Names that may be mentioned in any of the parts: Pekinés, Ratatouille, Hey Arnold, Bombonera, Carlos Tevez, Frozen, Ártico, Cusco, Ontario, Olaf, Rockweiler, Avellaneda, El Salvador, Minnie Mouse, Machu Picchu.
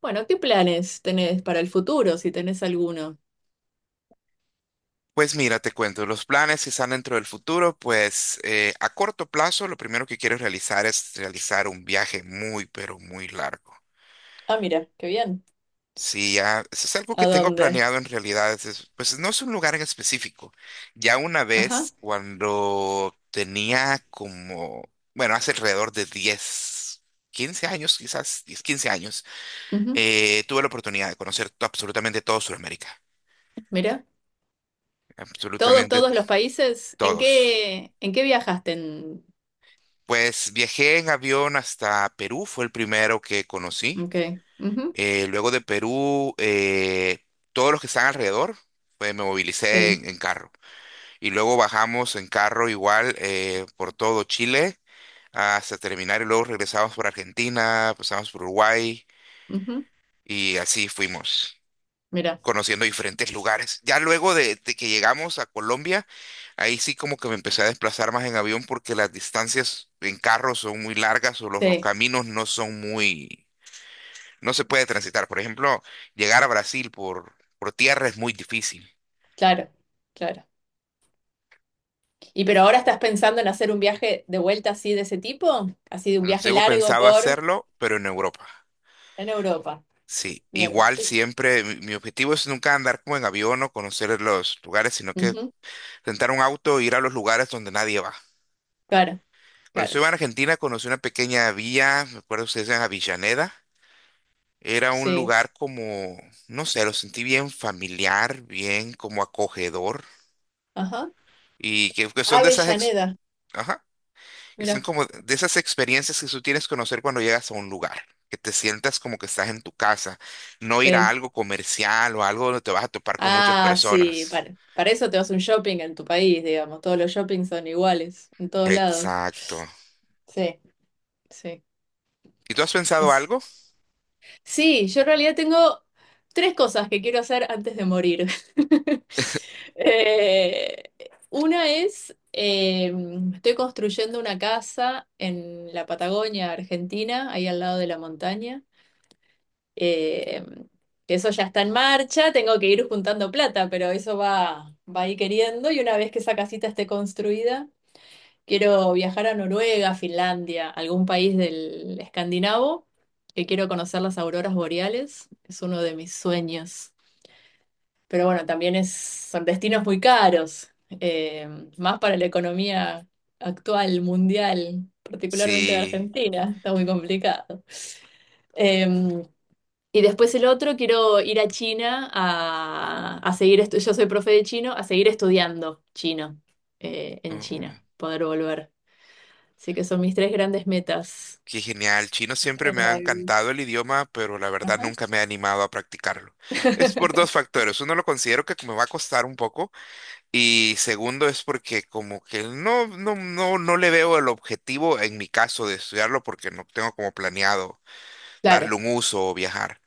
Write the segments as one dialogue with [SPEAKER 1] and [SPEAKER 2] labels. [SPEAKER 1] Bueno, ¿qué planes tenés para el futuro, si tenés alguno?
[SPEAKER 2] Pues mira, te cuento, los planes que están dentro del futuro, a corto plazo lo primero que quiero realizar es realizar un viaje muy, pero muy largo.
[SPEAKER 1] Ah, mira, qué bien.
[SPEAKER 2] Sí, ya, eso es algo
[SPEAKER 1] ¿A
[SPEAKER 2] que tengo
[SPEAKER 1] dónde?
[SPEAKER 2] planeado en realidad, pues no es un lugar en específico. Ya una
[SPEAKER 1] Ajá.
[SPEAKER 2] vez, cuando tenía como, bueno, hace alrededor de 10, 15 años, quizás 10, 15 años.
[SPEAKER 1] Ujú.
[SPEAKER 2] Tuve la oportunidad de conocer absolutamente todo Sudamérica,
[SPEAKER 1] Mira, todos,
[SPEAKER 2] absolutamente
[SPEAKER 1] todos los países. ¿En
[SPEAKER 2] todos.
[SPEAKER 1] qué, en qué viajaste? En...
[SPEAKER 2] Pues viajé en avión hasta Perú, fue el primero que conocí.
[SPEAKER 1] Ok. Ujú.
[SPEAKER 2] Luego de Perú, todos los que están alrededor, pues me movilicé
[SPEAKER 1] Sí.
[SPEAKER 2] en carro. Y luego bajamos en carro igual por todo Chile hasta terminar y luego regresamos por Argentina, pasamos por Uruguay
[SPEAKER 1] Ujú.
[SPEAKER 2] y así fuimos
[SPEAKER 1] Mira.
[SPEAKER 2] conociendo diferentes lugares. Ya luego de que llegamos a Colombia, ahí sí como que me empecé a desplazar más en avión porque las distancias en carro son muy largas o los
[SPEAKER 1] Sí,
[SPEAKER 2] caminos no son muy, no se puede transitar. Por ejemplo, llegar a Brasil por tierra es muy difícil.
[SPEAKER 1] claro, claro. ¿Y pero ahora estás pensando en hacer un viaje de vuelta así de ese tipo? Así de un viaje
[SPEAKER 2] Luego
[SPEAKER 1] largo
[SPEAKER 2] pensaba
[SPEAKER 1] por
[SPEAKER 2] hacerlo, pero en Europa.
[SPEAKER 1] en Europa.
[SPEAKER 2] Sí,
[SPEAKER 1] Bien.
[SPEAKER 2] igual siempre, mi objetivo es nunca andar como en avión o conocer los lugares, sino que
[SPEAKER 1] Ujú.
[SPEAKER 2] rentar un auto e ir a los lugares donde nadie va.
[SPEAKER 1] Claro,
[SPEAKER 2] Cuando
[SPEAKER 1] claro.
[SPEAKER 2] estuve en Argentina conocí una pequeña villa, me acuerdo que se llama Avellaneda. Era un
[SPEAKER 1] Sí.
[SPEAKER 2] lugar como, no sé, lo sentí bien familiar, bien como acogedor.
[SPEAKER 1] Ajá.
[SPEAKER 2] Y que son de esas,
[SPEAKER 1] Avellaneda.
[SPEAKER 2] ajá, que son
[SPEAKER 1] Mira.
[SPEAKER 2] como de esas experiencias que tú tienes que conocer cuando llegas a un lugar. Que te sientas como que estás en tu casa. No ir a
[SPEAKER 1] Sí.
[SPEAKER 2] algo comercial o algo donde te vas a topar con muchas
[SPEAKER 1] Ah, sí,
[SPEAKER 2] personas.
[SPEAKER 1] para eso te vas a un shopping en tu país, digamos. Todos los shoppings son iguales, en todos lados.
[SPEAKER 2] Exacto.
[SPEAKER 1] Sí, sí.
[SPEAKER 2] ¿Y tú has pensado
[SPEAKER 1] Así-
[SPEAKER 2] algo?
[SPEAKER 1] Sí, yo en realidad tengo tres cosas que quiero hacer antes de morir. Eh, una es, estoy construyendo una casa en la Patagonia, Argentina, ahí al lado de la montaña. Eh, eso ya está en marcha, tengo que ir juntando plata, pero eso va a ir queriendo y una vez que esa casita esté construida, quiero viajar a Noruega, Finlandia, algún país del escandinavo, que quiero conocer las auroras boreales, es uno de mis sueños. Pero bueno, también es, son destinos muy caros, eh, más para la economía actual, mundial, particularmente de
[SPEAKER 2] Sí.
[SPEAKER 1] Argentina, está muy complicado. Em, y después el otro, quiero ir a China a seguir, yo soy profe de chino, a seguir estudiando chino en
[SPEAKER 2] Mm.
[SPEAKER 1] China, poder volver. Así que son mis tres grandes metas.
[SPEAKER 2] Qué genial. Chino siempre me
[SPEAKER 1] En
[SPEAKER 2] ha
[SPEAKER 1] la vida.
[SPEAKER 2] encantado el idioma, pero la verdad
[SPEAKER 1] Ajá.
[SPEAKER 2] nunca me he animado a practicarlo. Es por dos factores. Uno lo considero que me va a costar un poco y segundo es porque como que no le veo el objetivo en mi caso de estudiarlo porque no tengo como planeado
[SPEAKER 1] Claro.
[SPEAKER 2] darle un uso o viajar.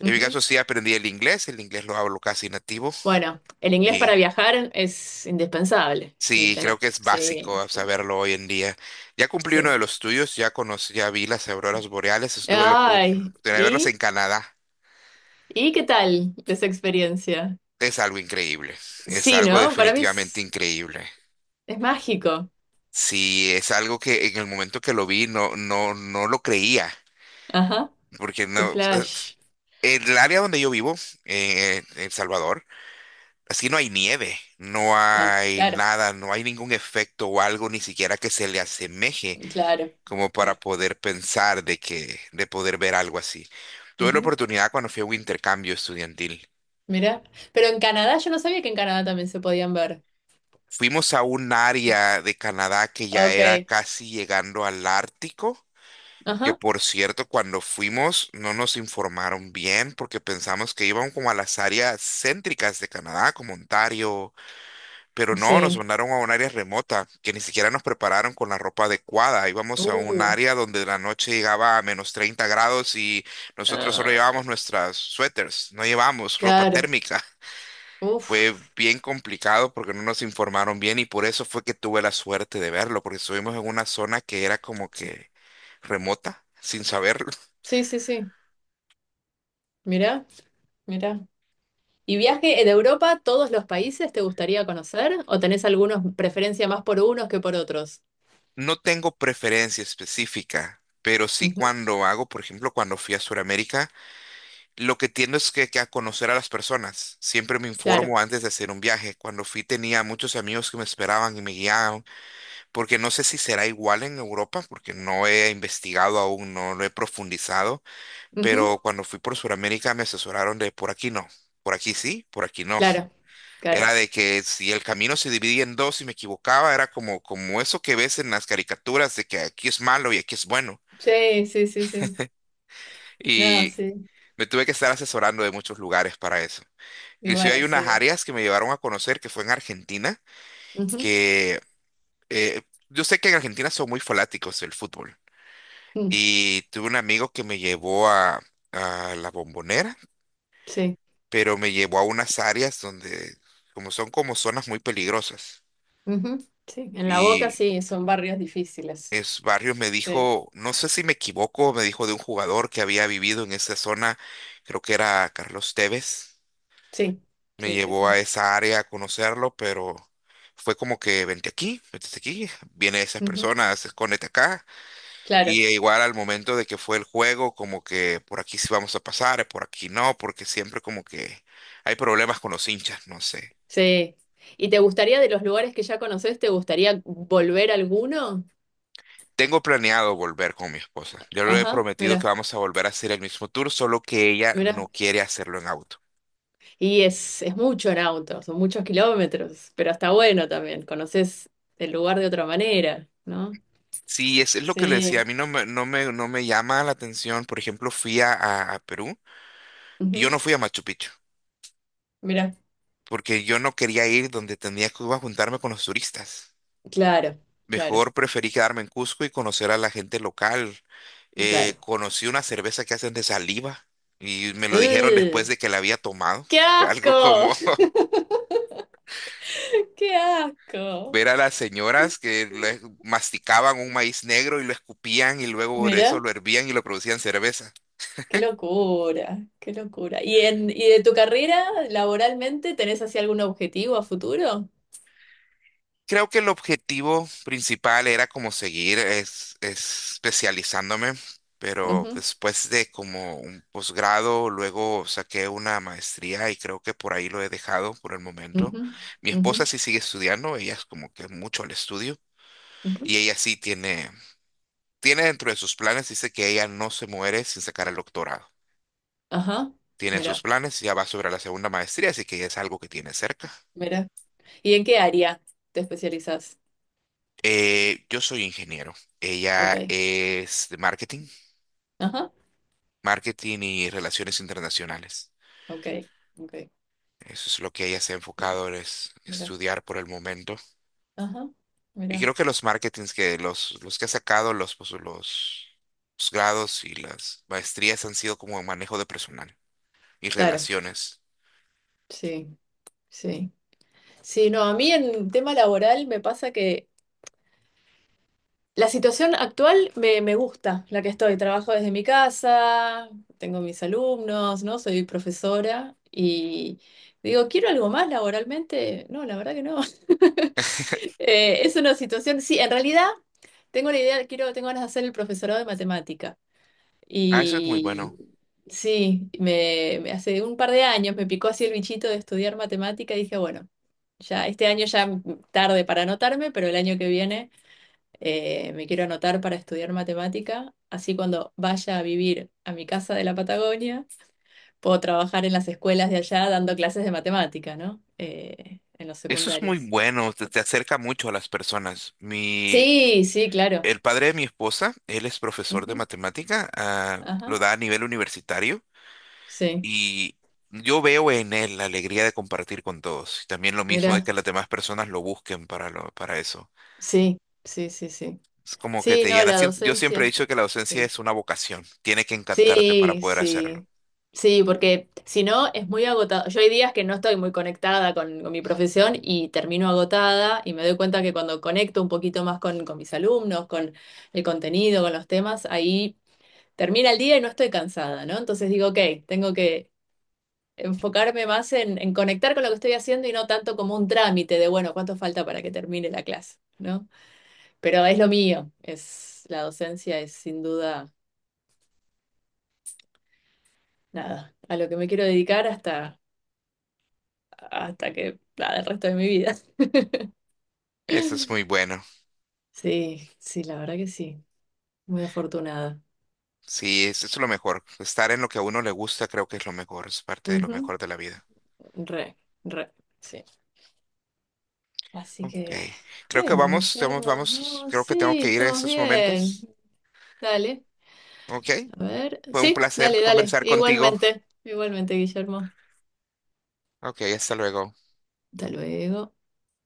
[SPEAKER 2] En mi
[SPEAKER 1] Ujú.
[SPEAKER 2] caso sí aprendí el inglés lo hablo casi nativo
[SPEAKER 1] Bueno, el inglés para
[SPEAKER 2] y
[SPEAKER 1] viajar es indispensable. Sí,
[SPEAKER 2] sí, creo
[SPEAKER 1] tenés.
[SPEAKER 2] que es
[SPEAKER 1] Sí,
[SPEAKER 2] básico
[SPEAKER 1] sí,
[SPEAKER 2] saberlo hoy en día. Ya cumplí uno
[SPEAKER 1] sí.
[SPEAKER 2] de los tuyos, ya conocí, ya vi las auroras boreales, estuve la
[SPEAKER 1] Ay,
[SPEAKER 2] oportunidad de verlas en
[SPEAKER 1] ¿y?
[SPEAKER 2] Canadá.
[SPEAKER 1] ¿Y qué tal esa experiencia?
[SPEAKER 2] Es algo increíble, es
[SPEAKER 1] Sí,
[SPEAKER 2] algo
[SPEAKER 1] ¿no? Para mí
[SPEAKER 2] definitivamente
[SPEAKER 1] es,
[SPEAKER 2] increíble.
[SPEAKER 1] es mágico.
[SPEAKER 2] Sí, es algo que en el momento que lo vi no lo creía,
[SPEAKER 1] Ajá,
[SPEAKER 2] porque
[SPEAKER 1] qué
[SPEAKER 2] no,
[SPEAKER 1] flash.
[SPEAKER 2] en el área donde yo vivo, en El Salvador, así no hay nieve, no
[SPEAKER 1] No,
[SPEAKER 2] hay
[SPEAKER 1] claro.
[SPEAKER 2] nada, no hay ningún efecto o algo ni siquiera que se le asemeje
[SPEAKER 1] Claro,
[SPEAKER 2] como para
[SPEAKER 1] claro.
[SPEAKER 2] poder pensar de que, de poder ver algo así. Tuve la
[SPEAKER 1] Ujú.
[SPEAKER 2] oportunidad cuando fui a un intercambio estudiantil.
[SPEAKER 1] Mira, pero en Canadá yo no sabía que en Canadá también se podían ver.
[SPEAKER 2] Fuimos a un área de Canadá que ya
[SPEAKER 1] Ok,
[SPEAKER 2] era casi llegando al Ártico, que
[SPEAKER 1] ajá,
[SPEAKER 2] por cierto, cuando fuimos no nos informaron bien porque pensamos que iban como a las áreas céntricas de Canadá, como Ontario. Pero no, nos
[SPEAKER 1] sí.
[SPEAKER 2] mandaron a un área remota, que ni siquiera nos prepararon con la ropa adecuada. Íbamos a un
[SPEAKER 1] Uh,
[SPEAKER 2] área donde la noche llegaba a menos 30 grados y nosotros solo llevábamos
[SPEAKER 1] ah,
[SPEAKER 2] nuestras suéteres, no llevábamos ropa
[SPEAKER 1] claro.
[SPEAKER 2] térmica. Fue
[SPEAKER 1] Uf,
[SPEAKER 2] bien complicado porque no nos informaron bien y por eso fue que tuve la suerte de verlo, porque estuvimos en una zona que era como que remota, sin saberlo.
[SPEAKER 1] sí, sí, sí. Mira, mira. ¿Y viaje de Europa, todos los países te gustaría conocer? ¿O tenés algunos preferencia más por unos que por otros?
[SPEAKER 2] No tengo preferencia específica, pero sí
[SPEAKER 1] Ujú.
[SPEAKER 2] cuando hago, por ejemplo, cuando fui a Sudamérica, lo que tiendo es que a conocer a las personas. Siempre me
[SPEAKER 1] Claro,
[SPEAKER 2] informo antes de hacer un viaje. Cuando fui tenía muchos amigos que me esperaban y me guiaban, porque no sé si será igual en Europa, porque no he investigado aún, no lo he profundizado,
[SPEAKER 1] ujú.
[SPEAKER 2] pero cuando fui por Sudamérica me asesoraron de por aquí no, por aquí sí, por aquí no.
[SPEAKER 1] Claro, claro.
[SPEAKER 2] Era de que si el camino se dividía en dos y me equivocaba, era como, como eso que ves en las caricaturas de que aquí es malo y aquí es bueno.
[SPEAKER 1] Sí, sí, sí, sí. No,
[SPEAKER 2] Y
[SPEAKER 1] sí.
[SPEAKER 2] me tuve que estar asesorando de muchos lugares para eso.
[SPEAKER 1] Y
[SPEAKER 2] Inclusive
[SPEAKER 1] bueno,
[SPEAKER 2] hay unas
[SPEAKER 1] sí.
[SPEAKER 2] áreas que me llevaron a conocer que fue en Argentina,
[SPEAKER 1] Ujú.
[SPEAKER 2] que eh, yo sé que en Argentina son muy fanáticos del fútbol.
[SPEAKER 1] Mm.
[SPEAKER 2] Y tuve un amigo que me llevó a la Bombonera,
[SPEAKER 1] Sí.
[SPEAKER 2] pero me llevó a unas áreas donde como son como zonas muy peligrosas.
[SPEAKER 1] Ujú. Sí, en la Boca
[SPEAKER 2] Y
[SPEAKER 1] sí, son barrios difíciles.
[SPEAKER 2] es barrio me
[SPEAKER 1] Sí,
[SPEAKER 2] dijo, no sé si me equivoco, me dijo de un jugador que había vivido en esa zona, creo que era Carlos Tevez.
[SPEAKER 1] sí,
[SPEAKER 2] Me
[SPEAKER 1] sí, sí,
[SPEAKER 2] llevó a
[SPEAKER 1] sí.
[SPEAKER 2] esa área a conocerlo, pero fue como que vente aquí, viene esas
[SPEAKER 1] Ujú.
[SPEAKER 2] personas, escóndete acá.
[SPEAKER 1] Claro,
[SPEAKER 2] Y e igual al momento de que fue el juego, como que por aquí sí vamos a pasar, por aquí no, porque siempre como que hay problemas con los hinchas, no sé.
[SPEAKER 1] sí. ¿Y te gustaría de los lugares que ya conoces, te gustaría volver a alguno?
[SPEAKER 2] Tengo planeado volver con mi esposa. Yo le he
[SPEAKER 1] Ajá,
[SPEAKER 2] prometido que
[SPEAKER 1] mira,
[SPEAKER 2] vamos a volver a hacer el mismo tour, solo que ella
[SPEAKER 1] mira.
[SPEAKER 2] no quiere hacerlo en auto.
[SPEAKER 1] Y es mucho en auto, son muchos kilómetros, pero está bueno también, conoces el lugar de otra manera, ¿no?
[SPEAKER 2] Sí, es lo que le decía, a
[SPEAKER 1] Sí.
[SPEAKER 2] mí no me llama la atención. Por ejemplo, fui a Perú y yo
[SPEAKER 1] Ujú.
[SPEAKER 2] no fui a Machu Picchu,
[SPEAKER 1] Mira,
[SPEAKER 2] porque yo no quería ir donde tenía que iba a juntarme con los turistas.
[SPEAKER 1] claro, claro,
[SPEAKER 2] Mejor preferí quedarme en Cusco y conocer a la gente local.
[SPEAKER 1] claro.
[SPEAKER 2] Conocí una cerveza que hacen de saliva y me lo dijeron después
[SPEAKER 1] ¡Ugh!
[SPEAKER 2] de que la había tomado.
[SPEAKER 1] ¡Qué
[SPEAKER 2] Fue algo
[SPEAKER 1] asco!
[SPEAKER 2] como
[SPEAKER 1] ¡Qué asco!
[SPEAKER 2] ver a las señoras que masticaban un maíz negro y lo escupían y luego por eso
[SPEAKER 1] Mira.
[SPEAKER 2] lo hervían y lo producían cerveza.
[SPEAKER 1] Qué locura, qué locura. ¿Y de tu carrera laboralmente tenés así algún objetivo a futuro?
[SPEAKER 2] Creo que el objetivo principal era como seguir especializándome, pero
[SPEAKER 1] Ujú,
[SPEAKER 2] después de como un posgrado, luego saqué una maestría y creo que por ahí lo he dejado por el momento.
[SPEAKER 1] ujú,
[SPEAKER 2] Mi
[SPEAKER 1] ujú,
[SPEAKER 2] esposa sí sigue estudiando, ella es como que mucho al estudio y
[SPEAKER 1] ujú.
[SPEAKER 2] ella sí tiene, tiene dentro de sus planes, dice que ella no se muere sin sacar el doctorado.
[SPEAKER 1] Ajá,
[SPEAKER 2] Tiene en sus
[SPEAKER 1] mira,
[SPEAKER 2] planes, ya va sobre la segunda maestría, así que ya es algo que tiene cerca.
[SPEAKER 1] mira. ¿Y en qué área te especializas?
[SPEAKER 2] Yo soy ingeniero,
[SPEAKER 1] Ok,
[SPEAKER 2] ella es de marketing.
[SPEAKER 1] ajá,
[SPEAKER 2] Marketing y relaciones internacionales.
[SPEAKER 1] ok, ok.
[SPEAKER 2] Eso es lo que ella se ha enfocado en
[SPEAKER 1] Mira,
[SPEAKER 2] estudiar por el momento.
[SPEAKER 1] ajá,
[SPEAKER 2] Y
[SPEAKER 1] mira.
[SPEAKER 2] creo que los marketings que los, que ha sacado, pues, los grados y las maestrías han sido como manejo de personal y
[SPEAKER 1] Claro,
[SPEAKER 2] relaciones.
[SPEAKER 1] sí, sí. Sí, no, a mí en tema laboral me pasa que la situación actual me gusta, la que estoy. Trabajo desde mi casa, tengo mis alumnos, ¿no? Soy profesora y digo, ¿quiero algo más laboralmente? No, la verdad que no. Es una situación, sí, en realidad tengo la idea, quiero, tengo ganas de hacer el profesorado de matemática.
[SPEAKER 2] Ah, eso es muy
[SPEAKER 1] Y
[SPEAKER 2] bueno.
[SPEAKER 1] sí, hace un par de años me picó así el bichito de estudiar matemática y dije, bueno, ya este año ya tarde para anotarme, pero el año que viene me quiero anotar para estudiar matemática, así cuando vaya a vivir a mi casa de la Patagonia, puedo trabajar en las escuelas de allá dando clases de matemática, ¿no? En los
[SPEAKER 2] Eso es muy
[SPEAKER 1] secundarios.
[SPEAKER 2] bueno, te acerca mucho a las personas. Mi,
[SPEAKER 1] Sí, sí, claro.
[SPEAKER 2] el padre de mi esposa, él es profesor de
[SPEAKER 1] Ujú.
[SPEAKER 2] matemática, ah,
[SPEAKER 1] Ajá.
[SPEAKER 2] lo da a nivel universitario.
[SPEAKER 1] Sí,
[SPEAKER 2] Y yo veo en él la alegría de compartir con todos. Y también lo mismo de
[SPEAKER 1] mira,
[SPEAKER 2] que las demás personas lo busquen para, para eso.
[SPEAKER 1] sí, sí, sí, sí.
[SPEAKER 2] Es como que
[SPEAKER 1] Sí,
[SPEAKER 2] te
[SPEAKER 1] no,
[SPEAKER 2] llena.
[SPEAKER 1] la
[SPEAKER 2] Siento- Yo
[SPEAKER 1] docencia.
[SPEAKER 2] siempre he dicho que la docencia
[SPEAKER 1] Sí.
[SPEAKER 2] es una vocación. Tiene que encantarte para
[SPEAKER 1] Sí,
[SPEAKER 2] poder hacerlo.
[SPEAKER 1] sí, sí, porque si no es muy agotado. Yo hay días que no estoy muy conectada con, mi profesión y termino agotada y me doy cuenta que cuando conecto un poquito más con mis alumnos, con el contenido, con los temas, ahí termina el día y no estoy cansada, ¿no? Entonces digo, ok, tengo que enfocarme más en conectar con lo que estoy haciendo y no tanto como un trámite de, bueno, ¿cuánto falta para que termine la clase? ¿No? Pero es lo mío, es la docencia, es sin duda nada, a lo que me quiero dedicar hasta que, nada, el resto de mi vida.
[SPEAKER 2] Eso es muy bueno.
[SPEAKER 1] Sí, sí, la verdad que sí. Muy afortunada.
[SPEAKER 2] Sí, es lo mejor. Estar en lo que a uno le gusta creo que es lo mejor. Es parte de lo
[SPEAKER 1] Ujú.
[SPEAKER 2] mejor de la vida.
[SPEAKER 1] Re, re, sí. Así
[SPEAKER 2] Ok.
[SPEAKER 1] que,
[SPEAKER 2] Creo que
[SPEAKER 1] bueno, Guillermo,
[SPEAKER 2] vamos.
[SPEAKER 1] oh,
[SPEAKER 2] Creo que tengo
[SPEAKER 1] sí,
[SPEAKER 2] que ir en
[SPEAKER 1] estamos
[SPEAKER 2] estos
[SPEAKER 1] bien.
[SPEAKER 2] momentos.
[SPEAKER 1] Dale,
[SPEAKER 2] Ok.
[SPEAKER 1] a ver.
[SPEAKER 2] Fue un
[SPEAKER 1] Sí,
[SPEAKER 2] placer
[SPEAKER 1] dale, dale.
[SPEAKER 2] conversar contigo.
[SPEAKER 1] Igualmente, igualmente, Guillermo.
[SPEAKER 2] Ok, hasta luego.
[SPEAKER 1] Hasta luego.